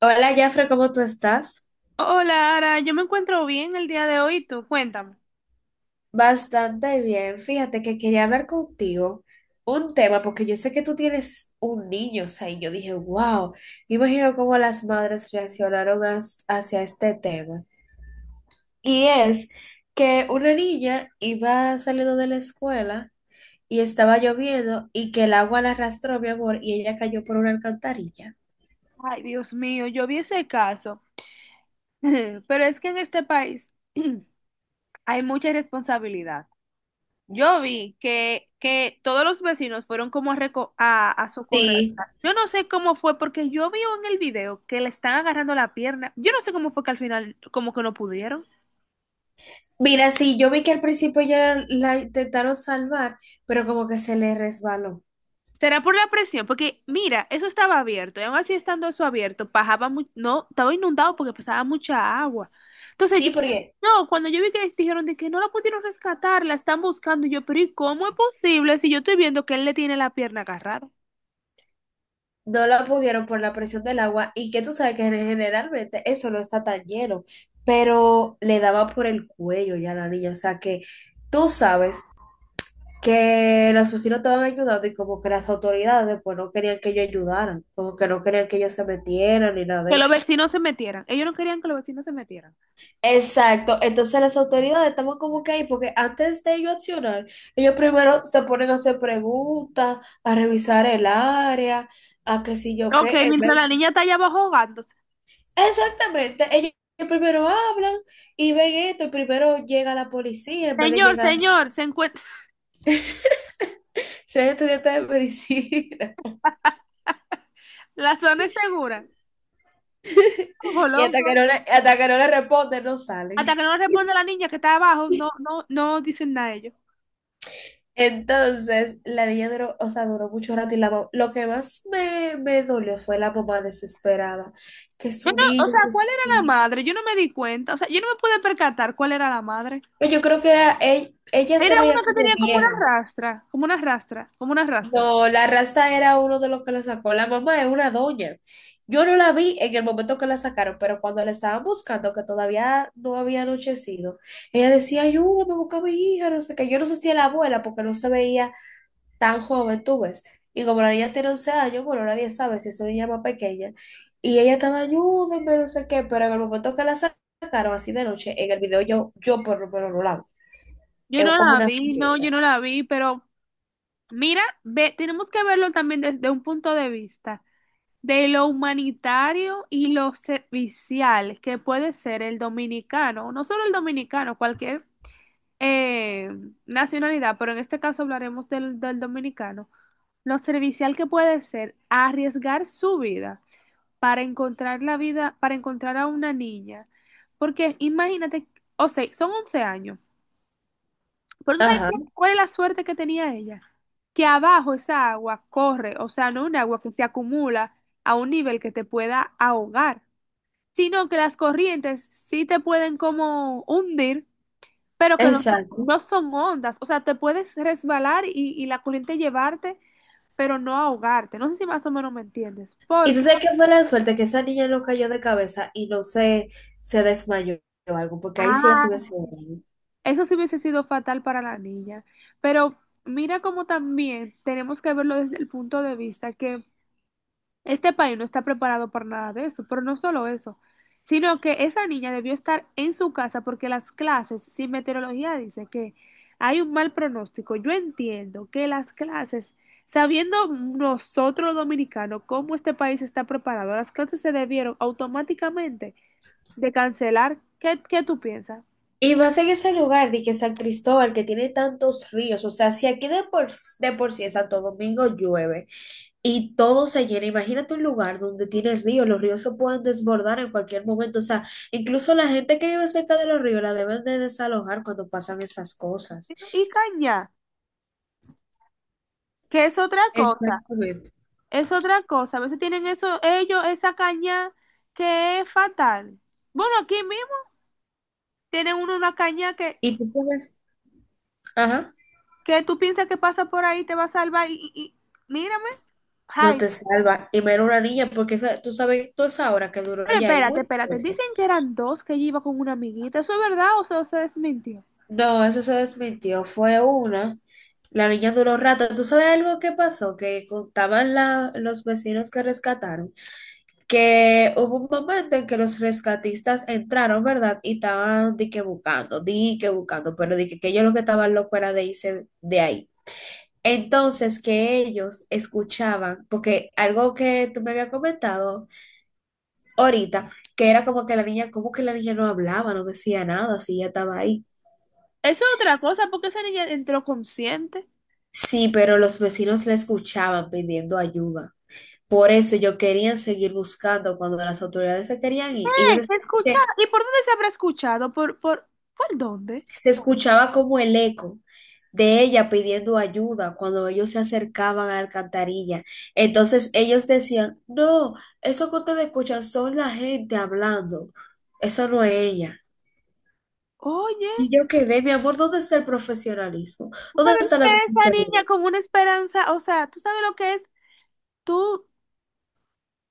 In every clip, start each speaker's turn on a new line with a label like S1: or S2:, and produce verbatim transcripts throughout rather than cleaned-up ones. S1: Hola, Jafre, ¿cómo tú estás?
S2: Hola, Ara, yo me encuentro bien el día de hoy, tú cuéntame.
S1: Bastante bien. Fíjate que quería hablar contigo un tema, porque yo sé que tú tienes un niño, o sea, y yo dije, wow, me imagino cómo las madres reaccionaron as- hacia este tema. Y es que una niña iba saliendo de la escuela y estaba lloviendo y que el agua la arrastró, mi amor, y ella cayó por una alcantarilla.
S2: Ay, Dios mío, yo vi ese caso, pero es que en este país hay mucha irresponsabilidad. Yo vi que, que todos los vecinos fueron como a, reco- a, a socorrer.
S1: Sí.
S2: Yo no sé cómo fue, porque yo vi en el video que le están agarrando la pierna. Yo no sé cómo fue que al final como que no pudieron.
S1: Mira, sí, yo vi que al principio ya la la intentaron salvar, pero como que se le resbaló.
S2: Será por la presión, porque mira, eso estaba abierto, y aún así estando eso abierto, bajaba mucho, no, estaba inundado porque pasaba mucha agua. Entonces yo,
S1: Sí, porque
S2: no, cuando yo vi que dijeron de que no la pudieron rescatar, la están buscando, y yo, pero ¿y cómo es posible si yo estoy viendo que él le tiene la pierna agarrada?
S1: no la pudieron por la presión del agua y que tú sabes que generalmente eso no está tan lleno, pero le daba por el cuello ya a la niña, o sea que tú sabes que las vecinos estaban ayudando y como que las autoridades pues no querían que ellos ayudaran, como que no querían que ellos se metieran ni nada de
S2: Que los
S1: eso.
S2: vecinos se metieran. Ellos no querían que los vecinos se metieran.
S1: Exacto, entonces las autoridades estamos como que ahí, porque antes de ellos accionar, ellos primero se ponen a hacer preguntas, a revisar el área, a qué sé yo
S2: Ok,
S1: qué, en vez.
S2: mientras la niña está allá abajo ahogándose.
S1: Exactamente, ellos primero hablan y ven esto, y primero llega la policía en vez de
S2: Señor,
S1: llegar,
S2: señor, se encuentra,
S1: ser estudiantes de medicina,
S2: la zona es segura. Ojo,
S1: y hasta que
S2: loco.
S1: no le, hasta que no le responden, no salen.
S2: Hasta que no responde la niña que está abajo, no, no, no dicen nada ellos.
S1: Entonces, la niña duró, o sea, duró mucho rato y la, mam- lo que más me, me dolió fue la mamá desesperada, que
S2: Yo
S1: su
S2: no, o
S1: niña,
S2: sea,
S1: que
S2: ¿cuál
S1: su
S2: era la
S1: niña.
S2: madre? Yo no me di cuenta. O sea, yo no me pude percatar cuál era la madre.
S1: Pero yo creo que era- e- ella
S2: Era
S1: se
S2: una
S1: veía
S2: que
S1: como
S2: tenía como una
S1: vieja.
S2: rastra, como una rastra, como una rasta.
S1: No, la rasta era uno de los que la sacó. La mamá es una doña. Yo no la vi en el momento que la sacaron, pero cuando la estaban buscando, que todavía no había anochecido, ella decía, ayúdame, busca a mi hija, no sé qué. Yo no sé si era la abuela, porque no se veía tan joven, tú ves. Y como la niña tiene once años, bueno, nadie sabe si es una niña más pequeña. Y ella estaba, ayúdame, no sé qué, pero en el momento que la sacaron, así de noche, en el video yo, yo por lo menos no la vi.
S2: Yo
S1: Es
S2: no
S1: como
S2: la
S1: una
S2: vi, no, yo
S1: señora.
S2: no la vi, pero mira, ve, tenemos que verlo también desde un punto de vista de lo humanitario y lo servicial que puede ser el dominicano, no solo el dominicano, cualquier eh, nacionalidad, pero en este caso hablaremos del, del dominicano, lo servicial que puede ser arriesgar su vida para encontrar la vida, para encontrar a una niña. Porque imagínate, o sea, son once años, pero tú sabes qué-
S1: Ajá,
S2: cuál es la suerte que tenía ella. Que abajo esa agua corre, o sea, no un agua que se acumula a un nivel que te pueda ahogar, sino que las corrientes sí te pueden como hundir, pero que no son,
S1: exacto.
S2: no son ondas, o sea, te puedes resbalar y, y la corriente llevarte pero no ahogarte. No sé si más o menos me entiendes,
S1: Y tú
S2: porque
S1: sabes que fue la suerte que esa niña no cayó de cabeza y no se, se desmayó o algo, porque ahí sí la
S2: ah,
S1: hubiese sido grave.
S2: eso sí hubiese sido fatal para la niña. Pero mira cómo también tenemos que verlo desde el punto de vista que este país no está preparado para nada de eso, pero no solo eso, sino que esa niña debió estar en su casa porque las clases, sin meteorología dice que hay un mal pronóstico. Yo entiendo que las clases, sabiendo nosotros los dominicanos cómo este país está preparado, las clases se debieron automáticamente de cancelar. ¿Qué, qué tú piensas?
S1: Y más en ese lugar, de que San Cristóbal, que tiene tantos ríos, o sea, si aquí de por, de por sí en Santo Domingo llueve y todo se llena, imagínate un lugar donde tiene ríos, los ríos se pueden desbordar en cualquier momento, o sea, incluso la gente que vive cerca de los ríos la deben de desalojar cuando pasan esas cosas.
S2: Y caña, que es otra cosa,
S1: Exactamente.
S2: es otra cosa. A veces tienen eso, ellos, esa caña que es fatal. Bueno, aquí mismo tienen uno una caña que,
S1: Y tú sabes, ajá.
S2: que tú piensas que pasa por ahí, te va a salvar y, y- y- mírame.
S1: No
S2: Ay,
S1: te salva. Y menos una niña, porque esa- tú sabes, tú esa hora que duró
S2: pero
S1: ya ahí
S2: espérate,
S1: muy
S2: espérate.
S1: fuerte.
S2: Dicen que eran dos que ella iba con una amiguita. ¿Eso es verdad o eso se desmintió?
S1: No, eso se desmintió. Fue una. La niña duró rato. ¿Tú sabes algo que pasó? Que contaban la- los vecinos que rescataron. Que hubo un momento en que los rescatistas entraron, ¿verdad? Y estaban di que buscando, di que buscando, pero di que, que ellos lo que estaban locos era de irse de ahí. Entonces, que ellos escuchaban, porque algo que tú me habías comentado ahorita, que era como que la niña, como que la niña no hablaba, no decía nada, si ella estaba ahí.
S2: Eso es otra cosa, porque esa niña entró consciente.
S1: Sí, pero los vecinos la escuchaban pidiendo ayuda. Por eso ellos querían seguir buscando cuando las autoridades se querían ir. Ellos
S2: Eh,
S1: decían
S2: Escucha,
S1: que
S2: ¿y por dónde se habrá escuchado? ¿Por, por, por dónde?
S1: se escuchaba como el eco de ella pidiendo ayuda cuando ellos se acercaban a la alcantarilla. Entonces ellos decían, no, eso que ustedes escuchan son la gente hablando, eso no es ella.
S2: Oye.
S1: Y yo quedé, mi amor, ¿dónde está el profesionalismo? ¿Dónde
S2: ¿Sabes lo
S1: está la
S2: que es la niña
S1: sinceridad?
S2: con una esperanza? O sea, ¿tú sabes lo que es tú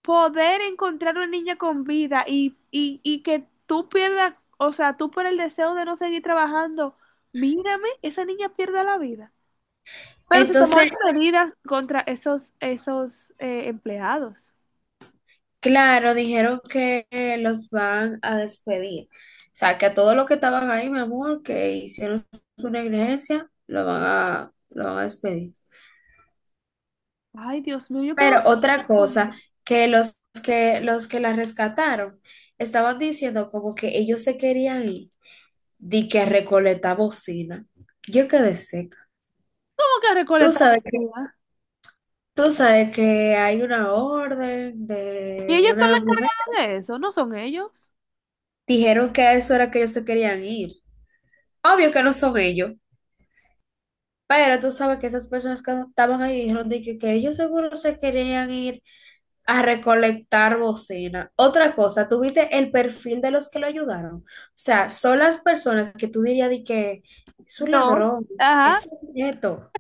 S2: poder encontrar una niña con vida y, y, y que tú pierdas, o sea, tú por el deseo de no seguir trabajando, mírame, esa niña pierda la vida. Pero se
S1: Entonces,
S2: tomaron medidas contra esos, esos eh, empleados.
S1: claro, dijeron que eh, los van a despedir. O sea, que a todos los que estaban ahí, mi amor, que hicieron su negligencia, lo van a, lo van a despedir.
S2: Ay, Dios mío, yo
S1: Pero
S2: quedo...
S1: otra
S2: ¿Cómo
S1: cosa, que los que, los que la rescataron estaban diciendo como que ellos se querían ir, di que a recolectar bocina. Yo quedé seca.
S2: que
S1: Tú
S2: recolectar
S1: sabes.
S2: basura?
S1: Tú sabes que hay una orden
S2: ¿Y
S1: de
S2: ellos son
S1: una
S2: los
S1: mujer.
S2: encargados de eso? ¿No son ellos?
S1: Dijeron que a eso era que ellos se querían ir. Obvio que no son ellos, pero tú sabes que esas personas que estaban ahí dijeron de que, que ellos seguro se querían ir a recolectar bocina. Otra cosa, ¿tuviste el perfil de los que lo ayudaron? O sea, son las personas que tú dirías de que es un
S2: No.
S1: ladrón,
S2: Ajá.
S1: es un nieto.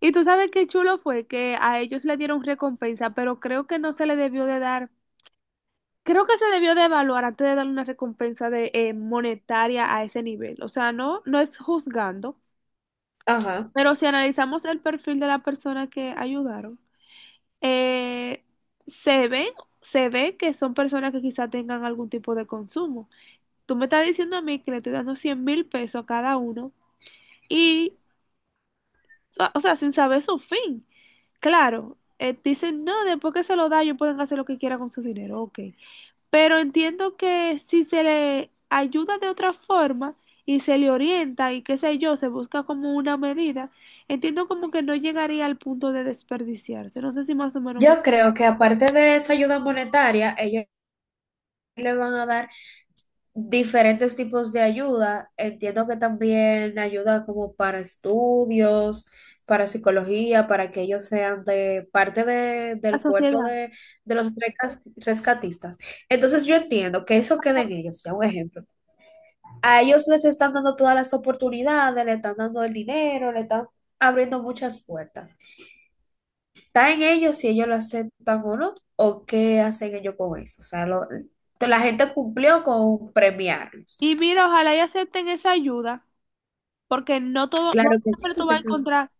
S2: Y tú sabes qué chulo fue que a ellos le dieron recompensa, pero creo que no se le debió de dar, creo que se debió de evaluar antes de darle una recompensa de eh, monetaria a ese nivel. O sea, no, no es juzgando,
S1: Ajá.
S2: pero si analizamos el perfil de la persona que ayudaron, eh, se ve, se ve que son personas que quizá tengan algún tipo de consumo. Tú me estás diciendo a mí que le estoy dando cien mil pesos a cada uno y sa- o sea, sin saber su fin. Claro, eh, dicen, no, después que se lo da, ellos pueden hacer lo que quieran con su dinero, ok. Pero entiendo que si se le ayuda de otra forma y se le orienta y qué sé yo, se busca como una medida, entiendo como que no llegaría al punto de desperdiciarse. No sé si más o menos me...
S1: Yo creo que aparte de esa ayuda monetaria, ellos le van a dar diferentes tipos de ayuda. Entiendo que también ayuda como para estudios, para psicología, para que ellos sean de parte de-
S2: La
S1: del cuerpo
S2: sociedad.
S1: de, de los recas- rescatistas. Entonces yo entiendo que eso queda en ellos, ya un ejemplo. A ellos les están dando todas las oportunidades, le están dando el dinero, le están abriendo muchas puertas. Está en ellos si ellos lo aceptan o no, o qué hacen ellos con eso. O sea, lo- la gente cumplió con premiarlos.
S2: Y mira, ojalá y acepten esa ayuda, porque no todo, no
S1: Claro que sí,
S2: siempre tú
S1: porque
S2: vas a
S1: son-.
S2: encontrar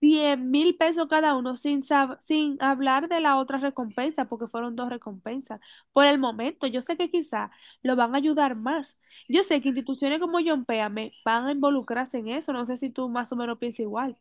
S2: cien mil pesos cada uno, sin, sab- sin hablar de la otra recompensa, porque fueron dos recompensas. Por el momento, yo sé que quizá lo van a ayudar más. Yo sé que instituciones como John Péame van a involucrarse en eso. No sé si tú más o menos piensas igual.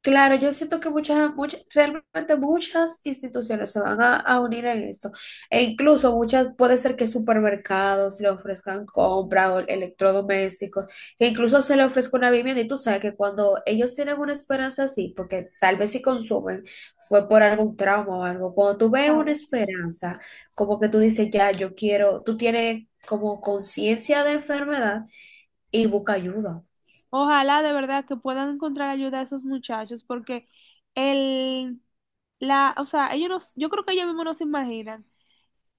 S1: Claro, yo siento que muchas, muchas, realmente muchas instituciones se van a, a unir en esto. E incluso muchas, puede ser que supermercados le ofrezcan compra o electrodomésticos, que incluso se le ofrezca una vivienda. Y tú sabes que cuando ellos tienen una esperanza así, porque tal vez si consumen, fue por algún trauma o algo. Cuando tú ves una
S2: Claro.
S1: esperanza, como que tú dices, ya, yo quiero, tú tienes como conciencia de enfermedad y busca ayuda.
S2: Ojalá de verdad que puedan encontrar ayuda a esos muchachos, porque el, la, o sea, ellos no- yo creo que ellos mismos no se imaginan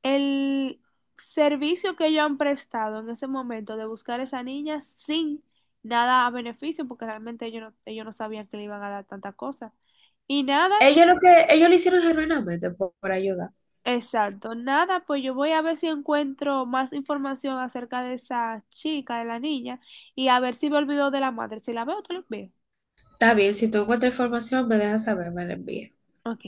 S2: el servicio que ellos han prestado en ese momento de buscar a esa niña sin nada a beneficio, porque realmente ellos no, ellos no sabían que le iban a dar tanta cosa. Y nada,
S1: Ellos lo que, ellos lo hicieron genuinamente por, por ayudar.
S2: exacto, nada, pues yo voy a ver si encuentro más información acerca de esa chica, de la niña, y a ver si me olvido de la madre. Si la veo, te lo veo.
S1: Está bien, si tú encuentras información, me dejas saber, me la envías.
S2: Ok.